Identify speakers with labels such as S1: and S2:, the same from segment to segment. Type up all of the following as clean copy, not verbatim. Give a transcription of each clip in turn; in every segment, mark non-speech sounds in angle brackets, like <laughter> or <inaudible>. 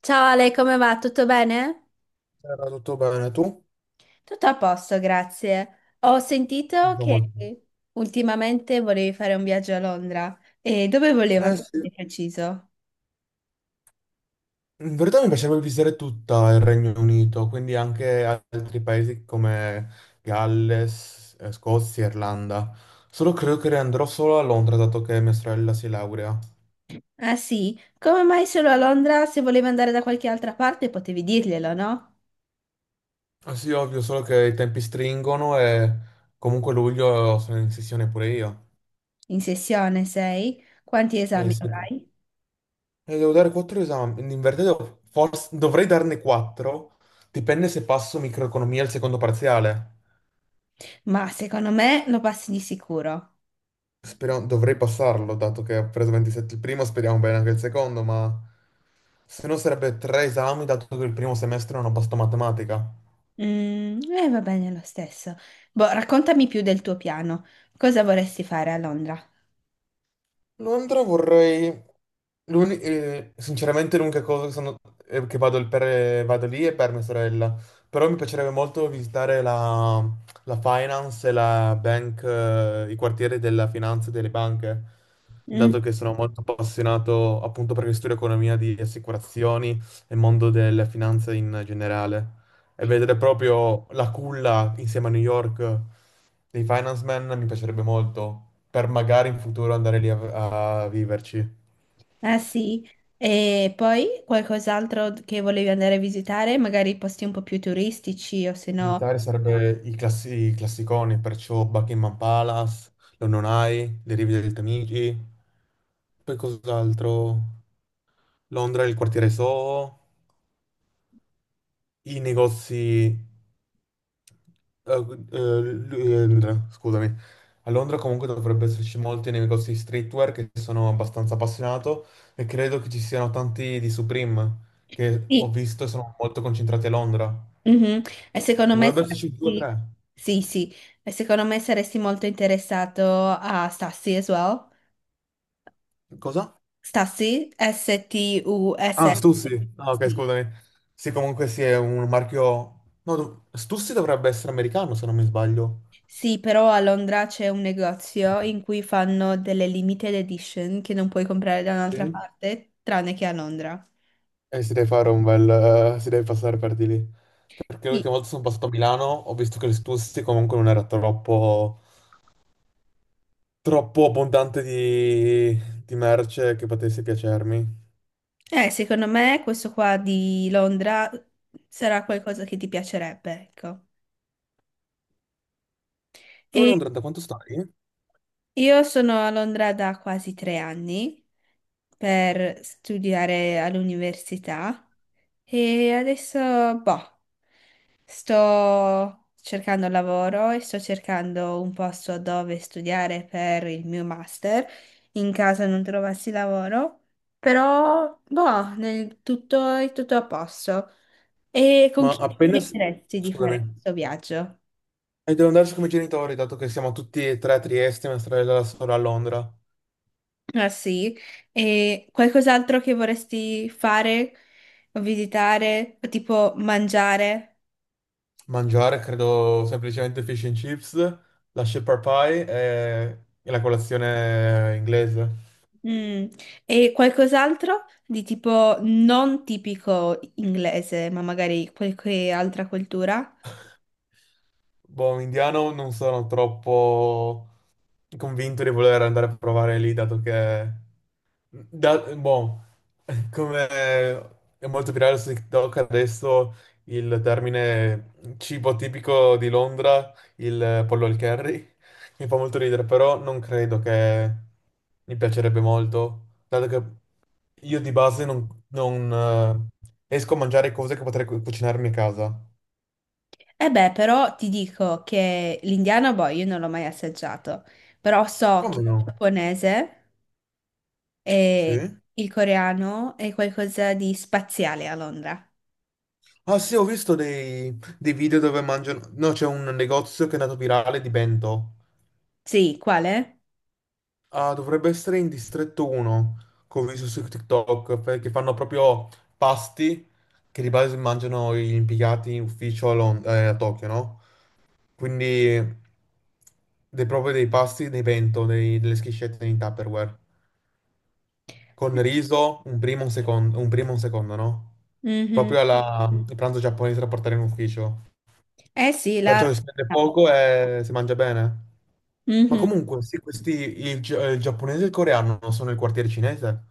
S1: Ciao Ale, come va? Tutto bene?
S2: Era tutto bene, tu?
S1: Tutto a posto, grazie. Ho sentito
S2: Tutto
S1: che
S2: molto-
S1: ultimamente volevi fare un viaggio a Londra. E dove volevi
S2: Eh
S1: andare
S2: sì,
S1: di preciso?
S2: in verità mi piacerebbe visitare tutta il Regno Unito, quindi anche altri paesi come Galles, Scozia, Irlanda. Solo credo che andrò solo a Londra, dato che mia sorella si laurea.
S1: Ah sì? Come mai solo a Londra? Se volevi andare da qualche altra parte potevi dirglielo, no?
S2: Ah sì, ovvio, solo che i tempi stringono e comunque luglio sono in sessione pure io.
S1: In sessione sei? Quanti
S2: Eh
S1: esami
S2: sì. E
S1: avrai?
S2: devo dare quattro esami, in verità dovrei darne quattro, dipende se passo microeconomia al secondo parziale.
S1: Ma secondo me lo passi di sicuro.
S2: Speriamo, dovrei passarlo, dato che ho preso 27 il primo, speriamo bene anche il secondo, ma se no sarebbe tre esami, dato che il primo semestre non ho passato matematica.
S1: Mm, va bene lo stesso. Boh, raccontami più del tuo piano. Cosa vorresti fare a Londra?
S2: Londra vorrei. Sinceramente l'unica cosa che, che vado, vado lì è per mia sorella, però mi piacerebbe molto visitare la finance e la bank, i quartieri della finanza e delle banche, dato che sono molto appassionato appunto perché studio economia di assicurazioni e mondo della finanza in generale e vedere proprio la culla insieme a New York dei Finance Man mi piacerebbe molto, per magari in futuro andare lì a viverci.
S1: Ah sì, e poi qualcos'altro che volevi andare a visitare, magari posti un po' più turistici o se no...
S2: Visitare sarebbe i classiconi, perciò Buckingham Palace, London Eye, le rive del Tamigi, poi cos'altro? Londra, il quartiere Soho, i negozi. Eh, Londra, scusami. A Londra comunque dovrebbe esserci molti nei negozi di streetwear che sono abbastanza appassionato e credo che ci siano tanti di Supreme che ho
S1: Sì,
S2: visto e sono molto concentrati a Londra.
S1: mhm. E secondo me
S2: Dovrebbe esserci due o
S1: saresti...
S2: tre.
S1: Sì, sì, e secondo me saresti molto interessato a Stassi as well.
S2: Cosa?
S1: Stassi,
S2: Ah,
S1: S-T-U-S-S.
S2: Stussy. Ah, ok,
S1: Sì.
S2: scusami. Sì, comunque sì, è un marchio. No, Stussy dovrebbe essere americano, se non mi sbaglio.
S1: Sì, però a Londra c'è un negozio in cui fanno delle limited edition che non puoi comprare da un'altra
S2: Sì?
S1: parte, tranne che a Londra.
S2: Si deve fare un bel... si deve passare per di lì. Perché
S1: Sì.
S2: l'ultima volta sono passato a Milano, ho visto che l'Estussi comunque non era troppo abbondante di merce che potesse piacermi.
S1: Secondo me questo qua di Londra sarà qualcosa che ti piacerebbe, ecco.
S2: Tu,
S1: E
S2: Londra, da quanto stai?
S1: io sono a Londra da quasi tre anni per studiare all'università e adesso, boh, sto cercando lavoro e sto cercando un posto dove studiare per il mio master in caso non trovassi lavoro, però, boh, nel tutto è tutto a posto. E con
S2: Ma
S1: chi ti
S2: appena... s-
S1: piaceresti di fare
S2: Scusami.
S1: questo viaggio?
S2: E devo andarci come genitori, dato che siamo tutti e tre a Trieste, mia sorella e la sorella a Londra.
S1: Ah sì, e qualcos'altro che vorresti fare, o visitare, o tipo mangiare?
S2: Mangiare, credo, semplicemente fish and chips, la shepherd pie e e la colazione inglese.
S1: Mm. E qualcos'altro di tipo non tipico inglese, ma magari qualche altra cultura?
S2: Boh, indiano non sono troppo convinto di voler andare a provare lì, dato che. Boh, <laughs> come è molto virale su TikTok adesso il termine cibo tipico di Londra, il pollo al curry, <laughs> mi fa molto ridere, però non credo che mi piacerebbe molto, dato che io di base non esco a mangiare cose che potrei cucinarmi a casa.
S1: E beh, però ti dico che l'indiano, boh, io non l'ho mai assaggiato, però so che
S2: Come
S1: il
S2: no?
S1: giapponese e
S2: Sì?
S1: il coreano è qualcosa di spaziale a Londra.
S2: Ah sì, ho visto dei video dove mangiano. No, c'è un negozio che è andato virale di bento.
S1: Sì, quale?
S2: Ah, dovrebbe essere in distretto 1, che ho visto su TikTok, perché fanno proprio pasti che di base mangiano gli impiegati in ufficio a Tokyo, no? Quindi dei, proprio dei pasti, dei bento, delle schiscette in Tupperware. Con riso, un primo, un secondo, un primo e un secondo, no?
S1: Mhm.
S2: Proprio il pranzo giapponese da portare in ufficio.
S1: Eh sì, la...
S2: Perciò si spende
S1: ah,
S2: poco e si mangia bene. Ma
S1: mhm.
S2: comunque, sì, questi, il giapponese e il coreano non sono il quartiere cinese?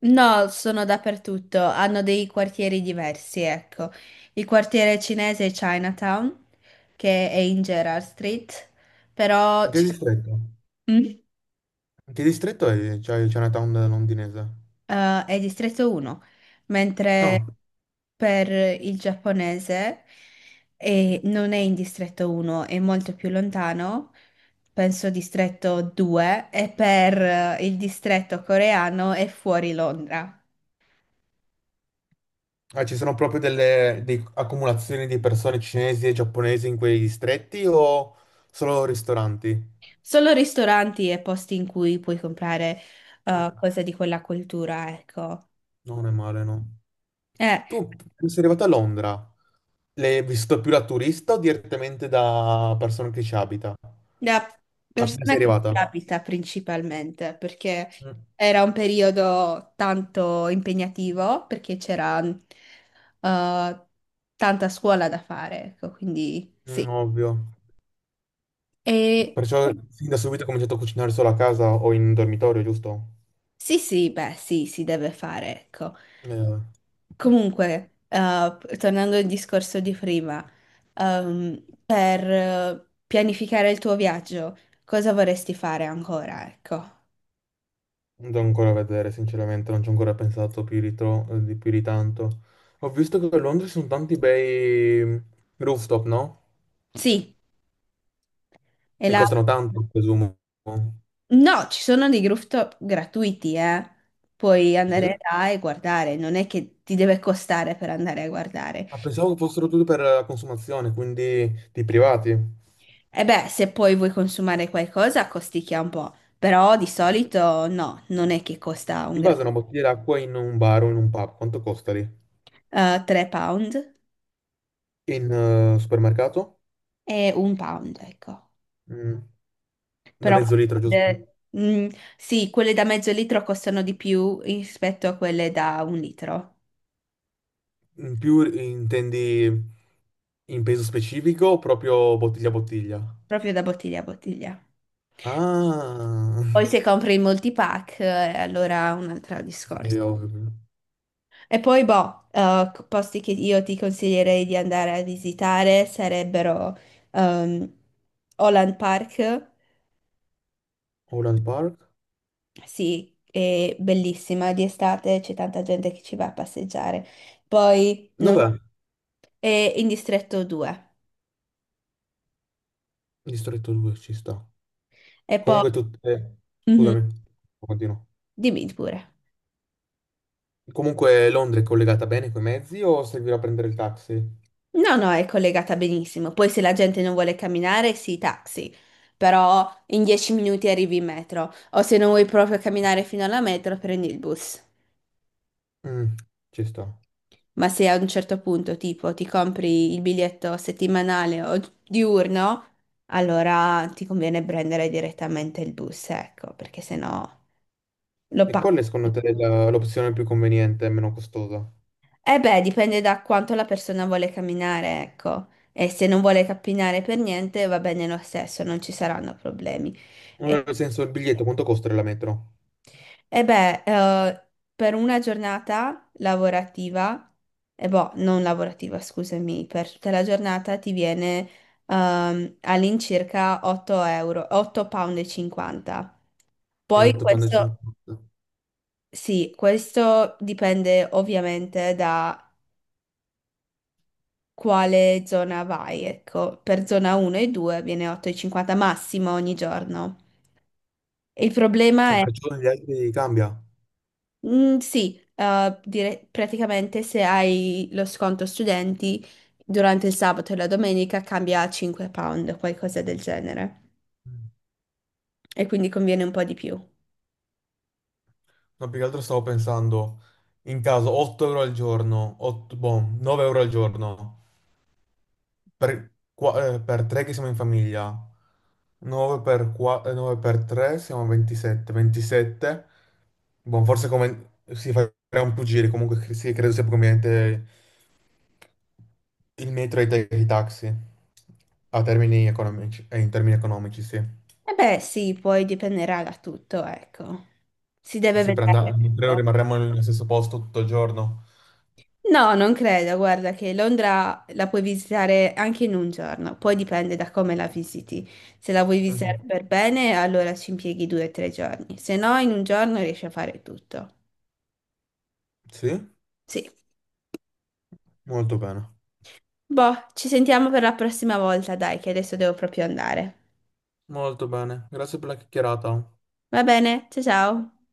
S1: No, sono dappertutto, hanno dei quartieri diversi, ecco. Il quartiere cinese è Chinatown, che è in Gerrard Street, però...
S2: In che distretto?
S1: Mm.
S2: In che distretto è? C'è il Chinatown londinese?
S1: È distretto 1, mentre
S2: No.
S1: per il giapponese non è in distretto 1, è molto più lontano, penso distretto 2, e per il distretto coreano è fuori Londra.
S2: Ah, ci sono proprio accumulazioni di persone cinesi e giapponesi in quei distretti o solo ristoranti?
S1: Solo ristoranti e posti in cui puoi comprare
S2: Mm.
S1: cose di quella cultura, ecco.
S2: Non è male, no.
S1: Eh,
S2: Tu sei arrivato a Londra, l'hai vissuto più da turista o direttamente da persona che ci abita?
S1: Da
S2: Appena
S1: persona
S2: sei
S1: che ci
S2: arrivata?
S1: abita principalmente, perché
S2: Mm,
S1: era un periodo tanto impegnativo, perché c'era tanta scuola da fare, ecco, quindi
S2: mm,
S1: sì.
S2: ovvio.
S1: E
S2: Perciò fin da subito ho cominciato a cucinare solo a casa o in dormitorio, giusto?
S1: sì, sì, beh, sì, si deve fare, ecco.
S2: Non
S1: Comunque, tornando al discorso di prima, per pianificare il tuo viaggio, cosa vorresti fare ancora, ecco?
S2: devo ancora vedere, sinceramente, non ci ho ancora pensato di più di tanto. Ho visto che a Londra ci sono tanti bei rooftop, no?
S1: Sì, e
S2: E
S1: là.
S2: costano tanto, presumo.
S1: No, ci sono dei rooftop gratuiti, eh. Puoi
S2: Sì?
S1: andare là e guardare, non è che ti deve costare per andare a guardare.
S2: Ah, pensavo che fossero tutti per la consumazione, quindi di privati.
S1: E beh, se poi vuoi consumare qualcosa, costicchia un po', però di solito no, non è che costa un
S2: Di
S1: gra...
S2: base una bottiglia d'acqua in un bar o in un pub, quanto costa lì?
S1: 3 pound
S2: In supermercato?
S1: e un pound, ecco.
S2: Mm, da
S1: Però
S2: mezzo litro, giusto?
S1: eh, mm, sì, quelle da mezzo litro costano di più rispetto a quelle da un litro,
S2: In più intendi in peso specifico o proprio bottiglia a bottiglia?
S1: proprio da bottiglia a bottiglia.
S2: Ah,
S1: Poi se compri il multipack, allora un altro
S2: sì,
S1: discorso.
S2: ho capito.
S1: E poi, boh, posti che io ti consiglierei di andare a visitare sarebbero ehm, Holland Park,
S2: Holland Park?
S1: sì, è bellissima di estate, c'è tanta gente che ci va a passeggiare. Poi non-
S2: Dov'è?
S1: È in Distretto 2.
S2: Distretto 2 ci sta.
S1: E poi, mhm,
S2: Scusami, continuo.
S1: dimmi pure.
S2: Comunque Londra è collegata bene coi mezzi o servirà prendere il taxi?
S1: No, no, è collegata benissimo. Poi se la gente non vuole camminare, sì, taxi. Però in 10 minuti arrivi in metro. O se non vuoi proprio camminare fino alla metro, prendi il bus.
S2: Mm, ci sta.
S1: Ma se a un certo punto, tipo, ti compri il biglietto settimanale o diurno, allora ti conviene prendere direttamente il bus, ecco, perché sennò lo
S2: E
S1: paghi.
S2: qual è secondo te l'opzione più conveniente e meno costosa?
S1: Eh beh, dipende da quanto la persona vuole camminare, ecco. E se non vuole camminare per niente, va bene lo stesso, non ci saranno problemi.
S2: Allora, nel senso, il biglietto quanto costa la metro?
S1: E beh, per una giornata lavorativa, e boh, non lavorativa, scusami, per tutta la giornata ti viene all'incirca 8 euro, 8 £ e 50.
S2: È
S1: Poi questo,
S2: 8,50.
S1: sì, questo dipende ovviamente da quale zona vai, ecco, per zona 1 e 2 viene 8,50 massimo ogni giorno. Il problema
S2: Ah,
S1: è
S2: perciò gli altri cambia.
S1: mm, sì, praticamente se hai lo sconto studenti durante il sabato e la domenica cambia a 5 pound, qualcosa del genere. E quindi conviene un po' di più.
S2: No, più che altro stavo pensando, in caso 8 euro al giorno, 8, boh, 9 euro al giorno, per, per 3 che siamo in famiglia, 9 per, 9 per 3 siamo a 27, 27, boh, forse come si fa un più giri, comunque sì, credo sia più conveniente il metro e i i taxi, in termini economici, sì.
S1: E beh, sì, poi dipenderà da tutto, ecco. Si deve
S2: Se
S1: vedere,
S2: prendiamo, certo, credo
S1: ecco.
S2: rimarremo nello stesso posto tutto il giorno.
S1: No, non credo, guarda che Londra la puoi visitare anche in un giorno, poi dipende da come la visiti. Se la vuoi visitare
S2: Mhm.
S1: per bene, allora ci impieghi due o tre giorni, se no in un giorno riesci a fare tutto.
S2: Sì?
S1: Sì.
S2: Molto bene,
S1: Boh, ci sentiamo per la prossima volta, dai, che adesso devo proprio andare.
S2: molto bene. Grazie per la chiacchierata.
S1: Va bene, ciao ciao.